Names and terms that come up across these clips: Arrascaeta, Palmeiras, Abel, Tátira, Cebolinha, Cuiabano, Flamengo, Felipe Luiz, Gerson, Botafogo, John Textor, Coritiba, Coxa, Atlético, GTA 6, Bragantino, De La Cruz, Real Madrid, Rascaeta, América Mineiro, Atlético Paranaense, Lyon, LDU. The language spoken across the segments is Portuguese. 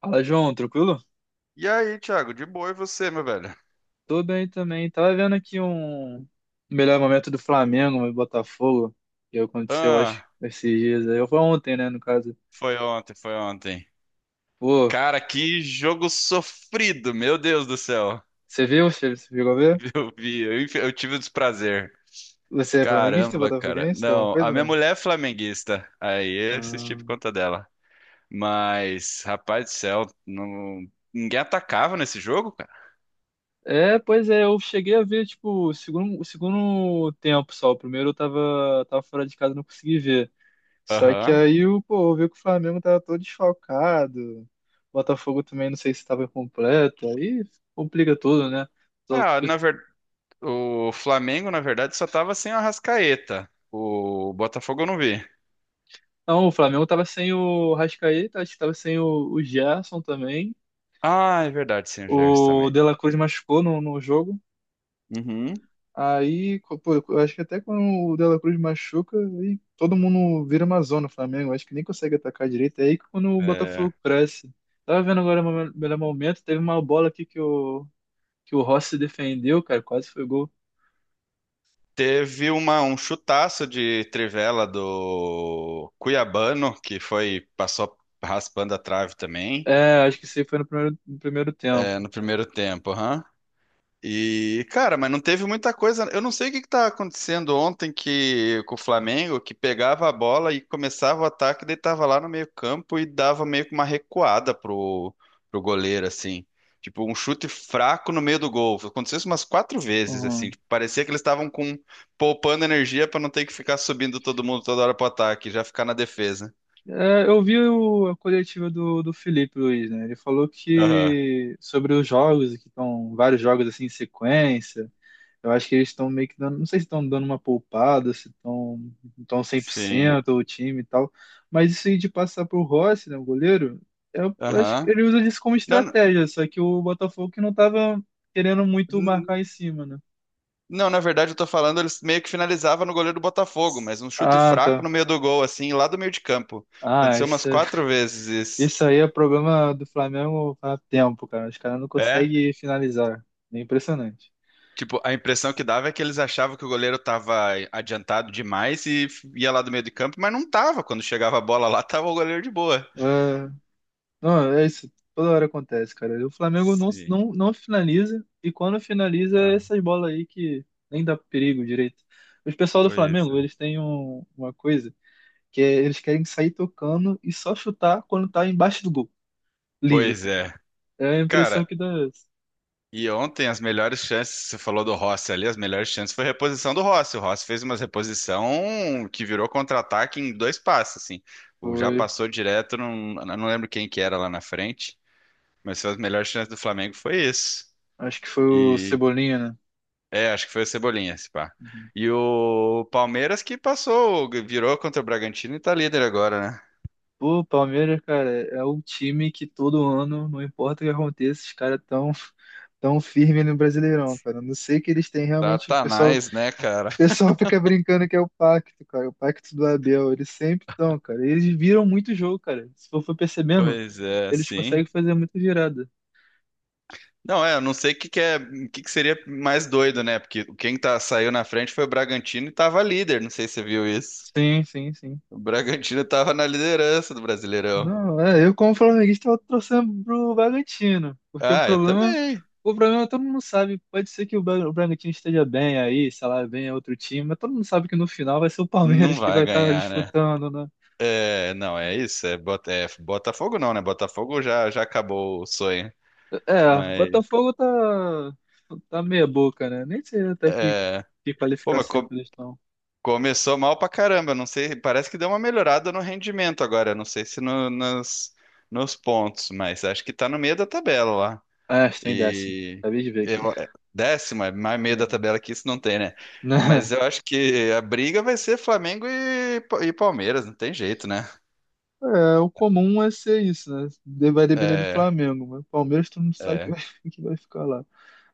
Fala, João, tranquilo? E aí, Thiago, de boa e você, meu velho? Tô bem também. Tava vendo aqui um melhor momento do Flamengo e Botafogo, que aconteceu, acho, Ah, esses dias aí. Foi ontem, né, no caso. foi ontem, foi ontem. Pô, Cara, que jogo sofrido, meu Deus do céu. você viu? Você chegou a ver? Eu vi, eu, eu tive o desprazer. Você é flamenguista, Caramba, cara. botafoguense, alguma Não, coisa, a minha não? mulher é flamenguista. Aí eu assisti Ah, por conta dela. Mas, rapaz do céu, ninguém atacava nesse jogo, cara. é, pois é, eu cheguei a ver, tipo, o segundo tempo só. O primeiro eu tava fora de casa, não consegui ver. Só que Aham. aí o pô, viu que o Flamengo tava todo desfalcado. O Botafogo também não sei se estava completo. Aí complica tudo, né? Tô- Ah, na verdade, o Flamengo, na verdade, só tava sem o Arrascaeta. O Botafogo eu não vi. Não, o Flamengo tava sem o Rascaeta, acho que tava sem o Gerson também. Ah, é verdade, sem o Gerson O também. De La Cruz machucou no jogo. Uhum. Aí, pô, eu acho que até quando o De La Cruz machuca, aí todo mundo vira uma zona, o Flamengo. Acho que nem consegue atacar direito. É aí que quando o É. Botafogo cresce. Tava vendo agora o melhor momento, teve uma bola aqui que o Rossi defendeu, cara, quase foi gol. Teve uma, um chutaço de trivela do Cuiabano, que foi, passou raspando a trave também, É, acho que isso aí foi no primeiro, no primeiro é, tempo. no primeiro tempo. Aham. E, cara, mas não teve muita coisa. Eu não sei o que que tá acontecendo ontem que com o Flamengo, que pegava a bola e começava o ataque, daí tava lá no meio-campo e dava meio que uma recuada pro goleiro, assim. Tipo, um chute fraco no meio do gol. Aconteceu isso umas quatro vezes, assim. Uhum. Tipo, parecia que eles estavam com poupando energia pra não ter que ficar subindo todo mundo toda hora pro ataque, já ficar na defesa. É, eu vi a coletiva do Felipe Luiz, né? Ele falou Aham. que sobre os jogos, que estão vários jogos assim em sequência. Eu acho que eles estão meio que dando, não sei se estão dando uma poupada, se estão cem por Sim. cento o time e tal, mas isso aí de passar pro Rossi, né, o goleiro, eu acho que Aham. ele usa isso como Não, estratégia, só que o Botafogo que não tava querendo muito marcar não. em cima, né? Não, na verdade, eu tô falando, eles meio que finalizava no goleiro do Botafogo, mas um chute Ah, fraco tá. no meio do gol, assim, lá do meio de campo. Ah, Aconteceu umas isso, quatro vezes isso. isso aí é problema do Flamengo há tempo, cara. Os caras não É, conseguem finalizar. É impressionante. tipo, a impressão que dava é que eles achavam que o goleiro tava adiantado demais e ia lá do meio de campo, mas não tava. Quando chegava a bola lá, tava o goleiro de boa. Ah, não, é isso. Toda hora acontece, cara. O Flamengo não, Sim. não, não finaliza, e quando finaliza, é Ah, essas bolas aí que nem dá perigo direito. Os pessoal do pois Flamengo, é. eles têm uma coisa, que é eles querem sair tocando e só chutar quando tá embaixo do gol. Livre, Pois tá? é. É a impressão Cara, que dá. Essa. e ontem as melhores chances, você falou do Rossi ali, as melhores chances foi a reposição do Rossi. O Rossi fez uma reposição que virou contra-ataque em dois passos, assim. O já Foi. passou direto, não, não lembro quem que era lá na frente, mas foi as melhores chances do Flamengo foi isso. Acho que foi o E Cebolinha, né? é, acho que foi o Cebolinha, esse pá. Uhum. E o Palmeiras que passou, virou contra o Bragantino e tá líder agora, né? Pô, o Palmeiras, cara, é o time que todo ano, não importa o que aconteça, os caras tão, tão firme no Brasileirão, cara. Eu não sei que eles têm realmente. O Satanás, né, cara? pessoal fica brincando que é o pacto, cara. O pacto do Abel. Eles sempre estão, cara. Eles viram muito jogo, cara. Se for percebendo, Pois é, eles conseguem sim. fazer muita virada. Não, é, eu não sei o que que é, o que que seria mais doido, né? Porque quem tá, saiu na frente foi o Bragantino e tava líder, não sei se você viu isso. Sim, sim, sim. O Bragantino tava na liderança do Brasileirão. Não, é, eu como flamenguista eu torcendo pro Bragantino, porque Ah, eu também. o problema todo mundo sabe, pode ser que o o Bragantino esteja bem aí, sei lá, bem é outro time, mas todo mundo sabe que no final vai ser o Palmeiras Não que vai vai estar ganhar, né? disputando, né? É, não, é isso, é, é Botafogo não, né? Botafogo já, já acabou o sonho, É, mas Botafogo tá, tá meia boca, né? Nem sei até é, que pô, mas qualificação que eles estão. começou mal pra caramba, não sei, parece que deu uma melhorada no rendimento agora, não sei se nos pontos, mas acho que tá no meio da tabela. Ah, estou em décimo, E acabei de ver aqui. eu, é, décimo, é mais meio da É. tabela que isso não tem, né? Mas Né? eu acho que a briga vai ser Flamengo e, e Palmeiras, não tem jeito, né? É, o comum é ser isso, né? Vai depender do É, Flamengo, mas o Palmeiras todo mundo sabe que é, vai, que vai ficar lá.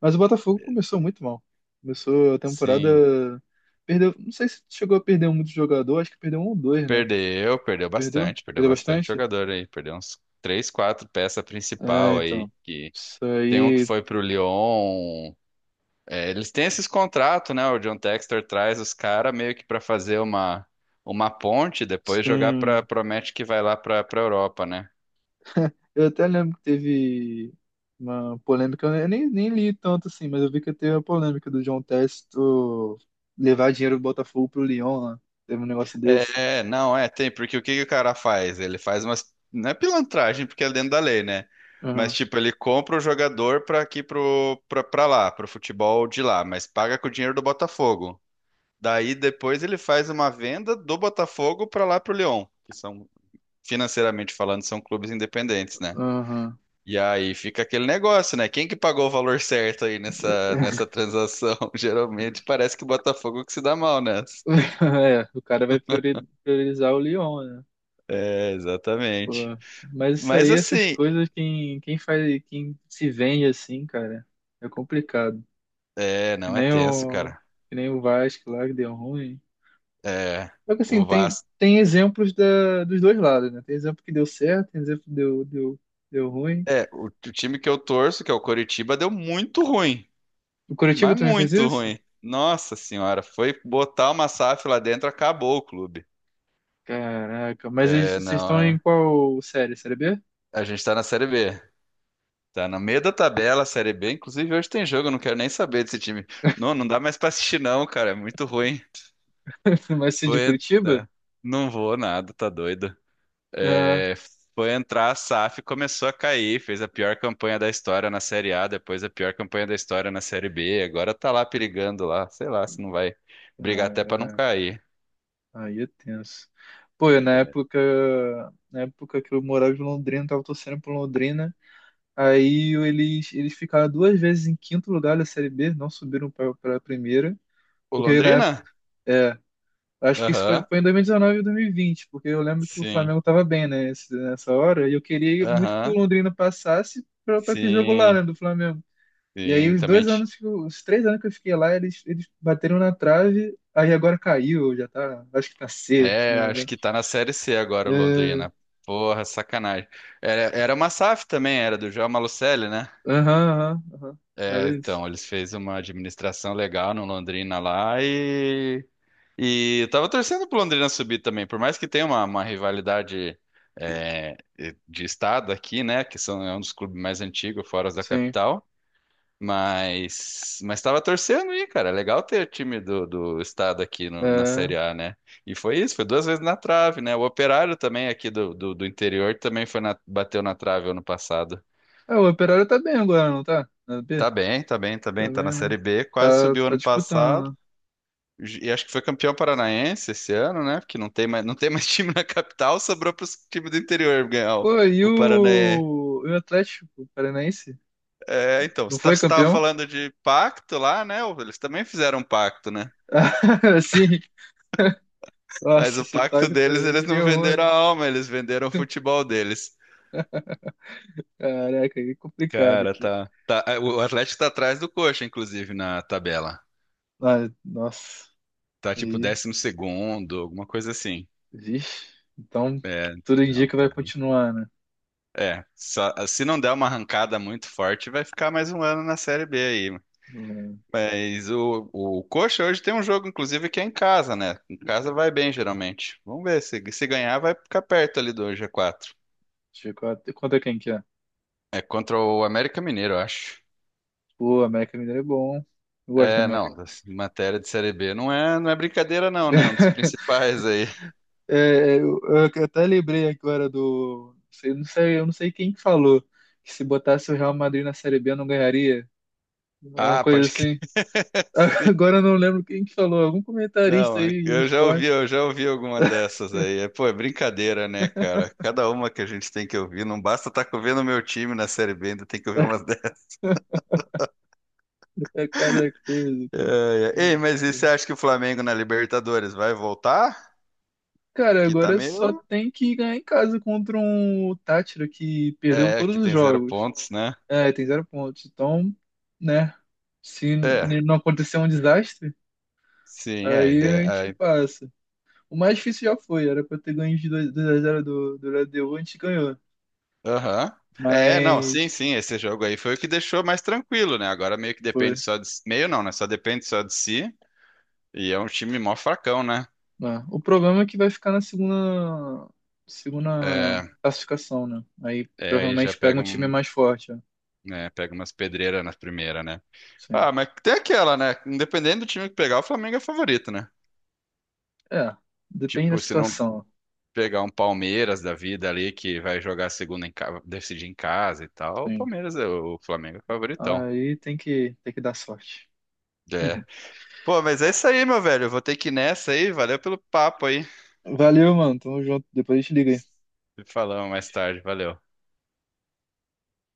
Mas o Botafogo começou muito mal. Começou a temporada. sim. Perdeu. Não sei se chegou a perder muito jogador, acho que perdeu um ou dois, né? Perdeu, Perdeu? Perdeu Perdeu bastante bastante? jogador aí, perdeu uns três, quatro peças É, principal aí, então. que Isso tem um que aí, foi pro Lyon, é, eles têm esses contratos, né? O John Textor traz os caras meio que pra fazer uma ponte, depois jogar pra, sim. promete que vai lá pra Europa, né? Eu até lembro que teve uma polêmica, eu nem li tanto assim, mas eu vi que teve a polêmica do João Testo levar dinheiro do Botafogo pro Lyon lá. Teve um negócio desse. É, não, é, tem, porque o que que o cara faz? Ele faz umas, não é pilantragem, porque é dentro da lei, né? Mas, Aham, tipo, ele compra o jogador pra aqui pra lá, pro futebol de lá, mas paga com o dinheiro do Botafogo. Daí depois ele faz uma venda do Botafogo pra lá pro Lyon, que são, financeiramente falando, são clubes independentes, né? aham. E aí fica aquele negócio, né? Quem que pagou o valor certo aí nessa, nessa transação? Geralmente parece que o Botafogo que se dá mal nessa. É, o cara vai priorizar o Lyon, né? É, Pô, exatamente. mas isso Mas aí, essas assim, coisas, quem faz, quem se vende assim, cara, é complicado. é, Que não é nem tenso, o, cara. que nem o Vasco lá que deu ruim. É, Só que assim, o tem, Vasco. tem exemplos da, dos dois lados, né? Tem exemplo que deu certo, tem exemplo que deu ruim. É, o time que eu torço, que é o Coritiba, deu muito ruim. O Curitiba Mas também fez muito isso? ruim. Nossa senhora, foi botar uma SAF lá dentro, acabou o clube. Caraca, mas É, vocês não, estão em é. qual série? Série B? A gente tá na Série B. Tá no meio da tabela, Série B. Inclusive, hoje tem jogo, eu não quero nem saber desse time. Não, não dá mais pra assistir, não, cara. É muito ruim. Mas se de Foi, Curitiba? né? Não vou nada, tá doido. Ah, É, foi entrar a SAF, começou a cair, fez a pior campanha da história na Série A, depois a pior campanha da história na Série B, agora tá lá perigando lá, sei lá se não vai brigar até pra não cair. aí é tenso. Pô, eu, É, na época que eu morava em Londrina, tava torcendo pro Londrina. Eles, eles ficaram duas vezes em quinto lugar da Série B, não subiram pra, pra primeira. o Porque na época, Londrina? é, acho que isso foi, Aham, foi em dois mil e e 2020, porque eu lembro que o sim, Flamengo tava bem, né, nessa hora. E eu queria muito que o aham, Londrina passasse pra, pra ter jogo lá, né, sim, do Flamengo. E aí sim, os também. dois anos, que os três anos que eu fiquei lá, eles bateram na trave. Aí agora caiu, já tá, acho que tá C, se É, não acho que tá na Série C agora o E- Londrina. Porra, sacanagem. Era uma SAF também, era do João Malucelli, né? Aham, aham, aham. É, Era isso. então, eles fez uma administração legal no Londrina lá. E eu tava torcendo pro Londrina subir também, por mais que tenha uma rivalidade é, de estado aqui, né? Que são, é um dos clubes mais antigos, fora os da Sim. capital. Mas tava torcendo aí, cara. É legal ter time do estado aqui na É. Série A, né? E foi isso, foi duas vezes na trave, né? O Operário também aqui do interior também foi bateu na trave ano passado. É, o Operário tá bem agora, não tá? Na B? Tá bem, tá bem, tá Tá bem. Tá na bem, né? Série B, quase Tá, subiu tá ano passado. disputando, né? E acho que foi campeão paranaense esse ano, né? Porque não tem mais, não tem mais time na capital, sobrou para os times do interior ganhar Pô, o Paranaense. E o Atlético Paranaense? É, então, Não você foi estava campeão? falando de pacto lá, né? Eles também fizeram um pacto, né? Sim. Mas Nossa, o esse pacto pago tá deles, aí eles que não deu venderam ruim. a alma, eles venderam o futebol deles. Caraca, aí é complicado, Cara, cara. tá, tá. É, o Atlético tá atrás do Coxa, inclusive, na tabela. Ah, nossa, Tá tipo aí, décimo segundo, alguma coisa assim. vixe. Então, É, tudo não, indica que vai tá bem. continuar, né? É, se não der uma arrancada muito forte, vai ficar mais um ano na Série B aí. Mas o Coxa hoje tem um jogo, inclusive, que é em casa, né? Em casa vai bem, geralmente. Vamos ver, se ganhar, vai ficar perto ali do G4. Deixa eu ver quanto é G quatro. Conta quem que é? É contra o América Mineiro, eu acho. Pô, América Mineiro é bom. Eu gosto da É, não, América. Matéria de Série B não é, não é brincadeira, não, né? Um dos principais aí. É, eu até lembrei agora do. Não sei, eu não sei quem que falou que se botasse o Real Madrid na Série B não ganharia. Uma Ah, coisa pode crer. assim. Sim. Agora eu não lembro quem que falou. Algum Não, comentarista aí de esporte. eu já ouvi alguma dessas aí. É, pô, é brincadeira, né, cara? Cada uma que a gente tem que ouvir, não basta estar vendo o meu time na Série B, ainda tem que ouvir umas dessas. É cada coisa, cara. É, é. Ei, mas e você acha que o Flamengo na Libertadores vai voltar? Cara, Que tá agora só meio. tem que ganhar em casa contra um Tátira que perdeu É, todos que os tem zero jogos. pontos, né? É, tem zero pontos. Então, né? Se É, não acontecer um desastre, sim, é, a aí a gente ideia. Passa. O mais difícil já foi, era pra ter ganho de dois x 0 do, do LDU, a gente ganhou. Aham. É, não, sim, Mas sim, esse jogo aí foi o que deixou mais tranquilo, né? Agora meio que depende foi. só de. Meio não, né? Só depende só de si. E é um time mó fracão, né? Né. O problema é que vai ficar na segunda, segunda É, classificação, né? Aí é aí já provavelmente pega pega um time um. mais forte. Né? Né? Pega umas pedreiras na primeira, né? Sim. Ah, mas tem aquela, né? Independente do time que pegar, o Flamengo é favorito, né? É, depende da Tipo, se não situação. pegar um Palmeiras da vida ali que vai jogar a segunda em casa, decidir em casa e tal, o Sim. Palmeiras é o Flamengo é favoritão. Aí tem que dar sorte. É. Pô, mas é isso aí, meu velho. Eu vou ter que ir nessa aí. Valeu pelo papo aí. Valeu, mano. Tamo junto. Depois a gente liga aí. Se falamos mais tarde. Valeu.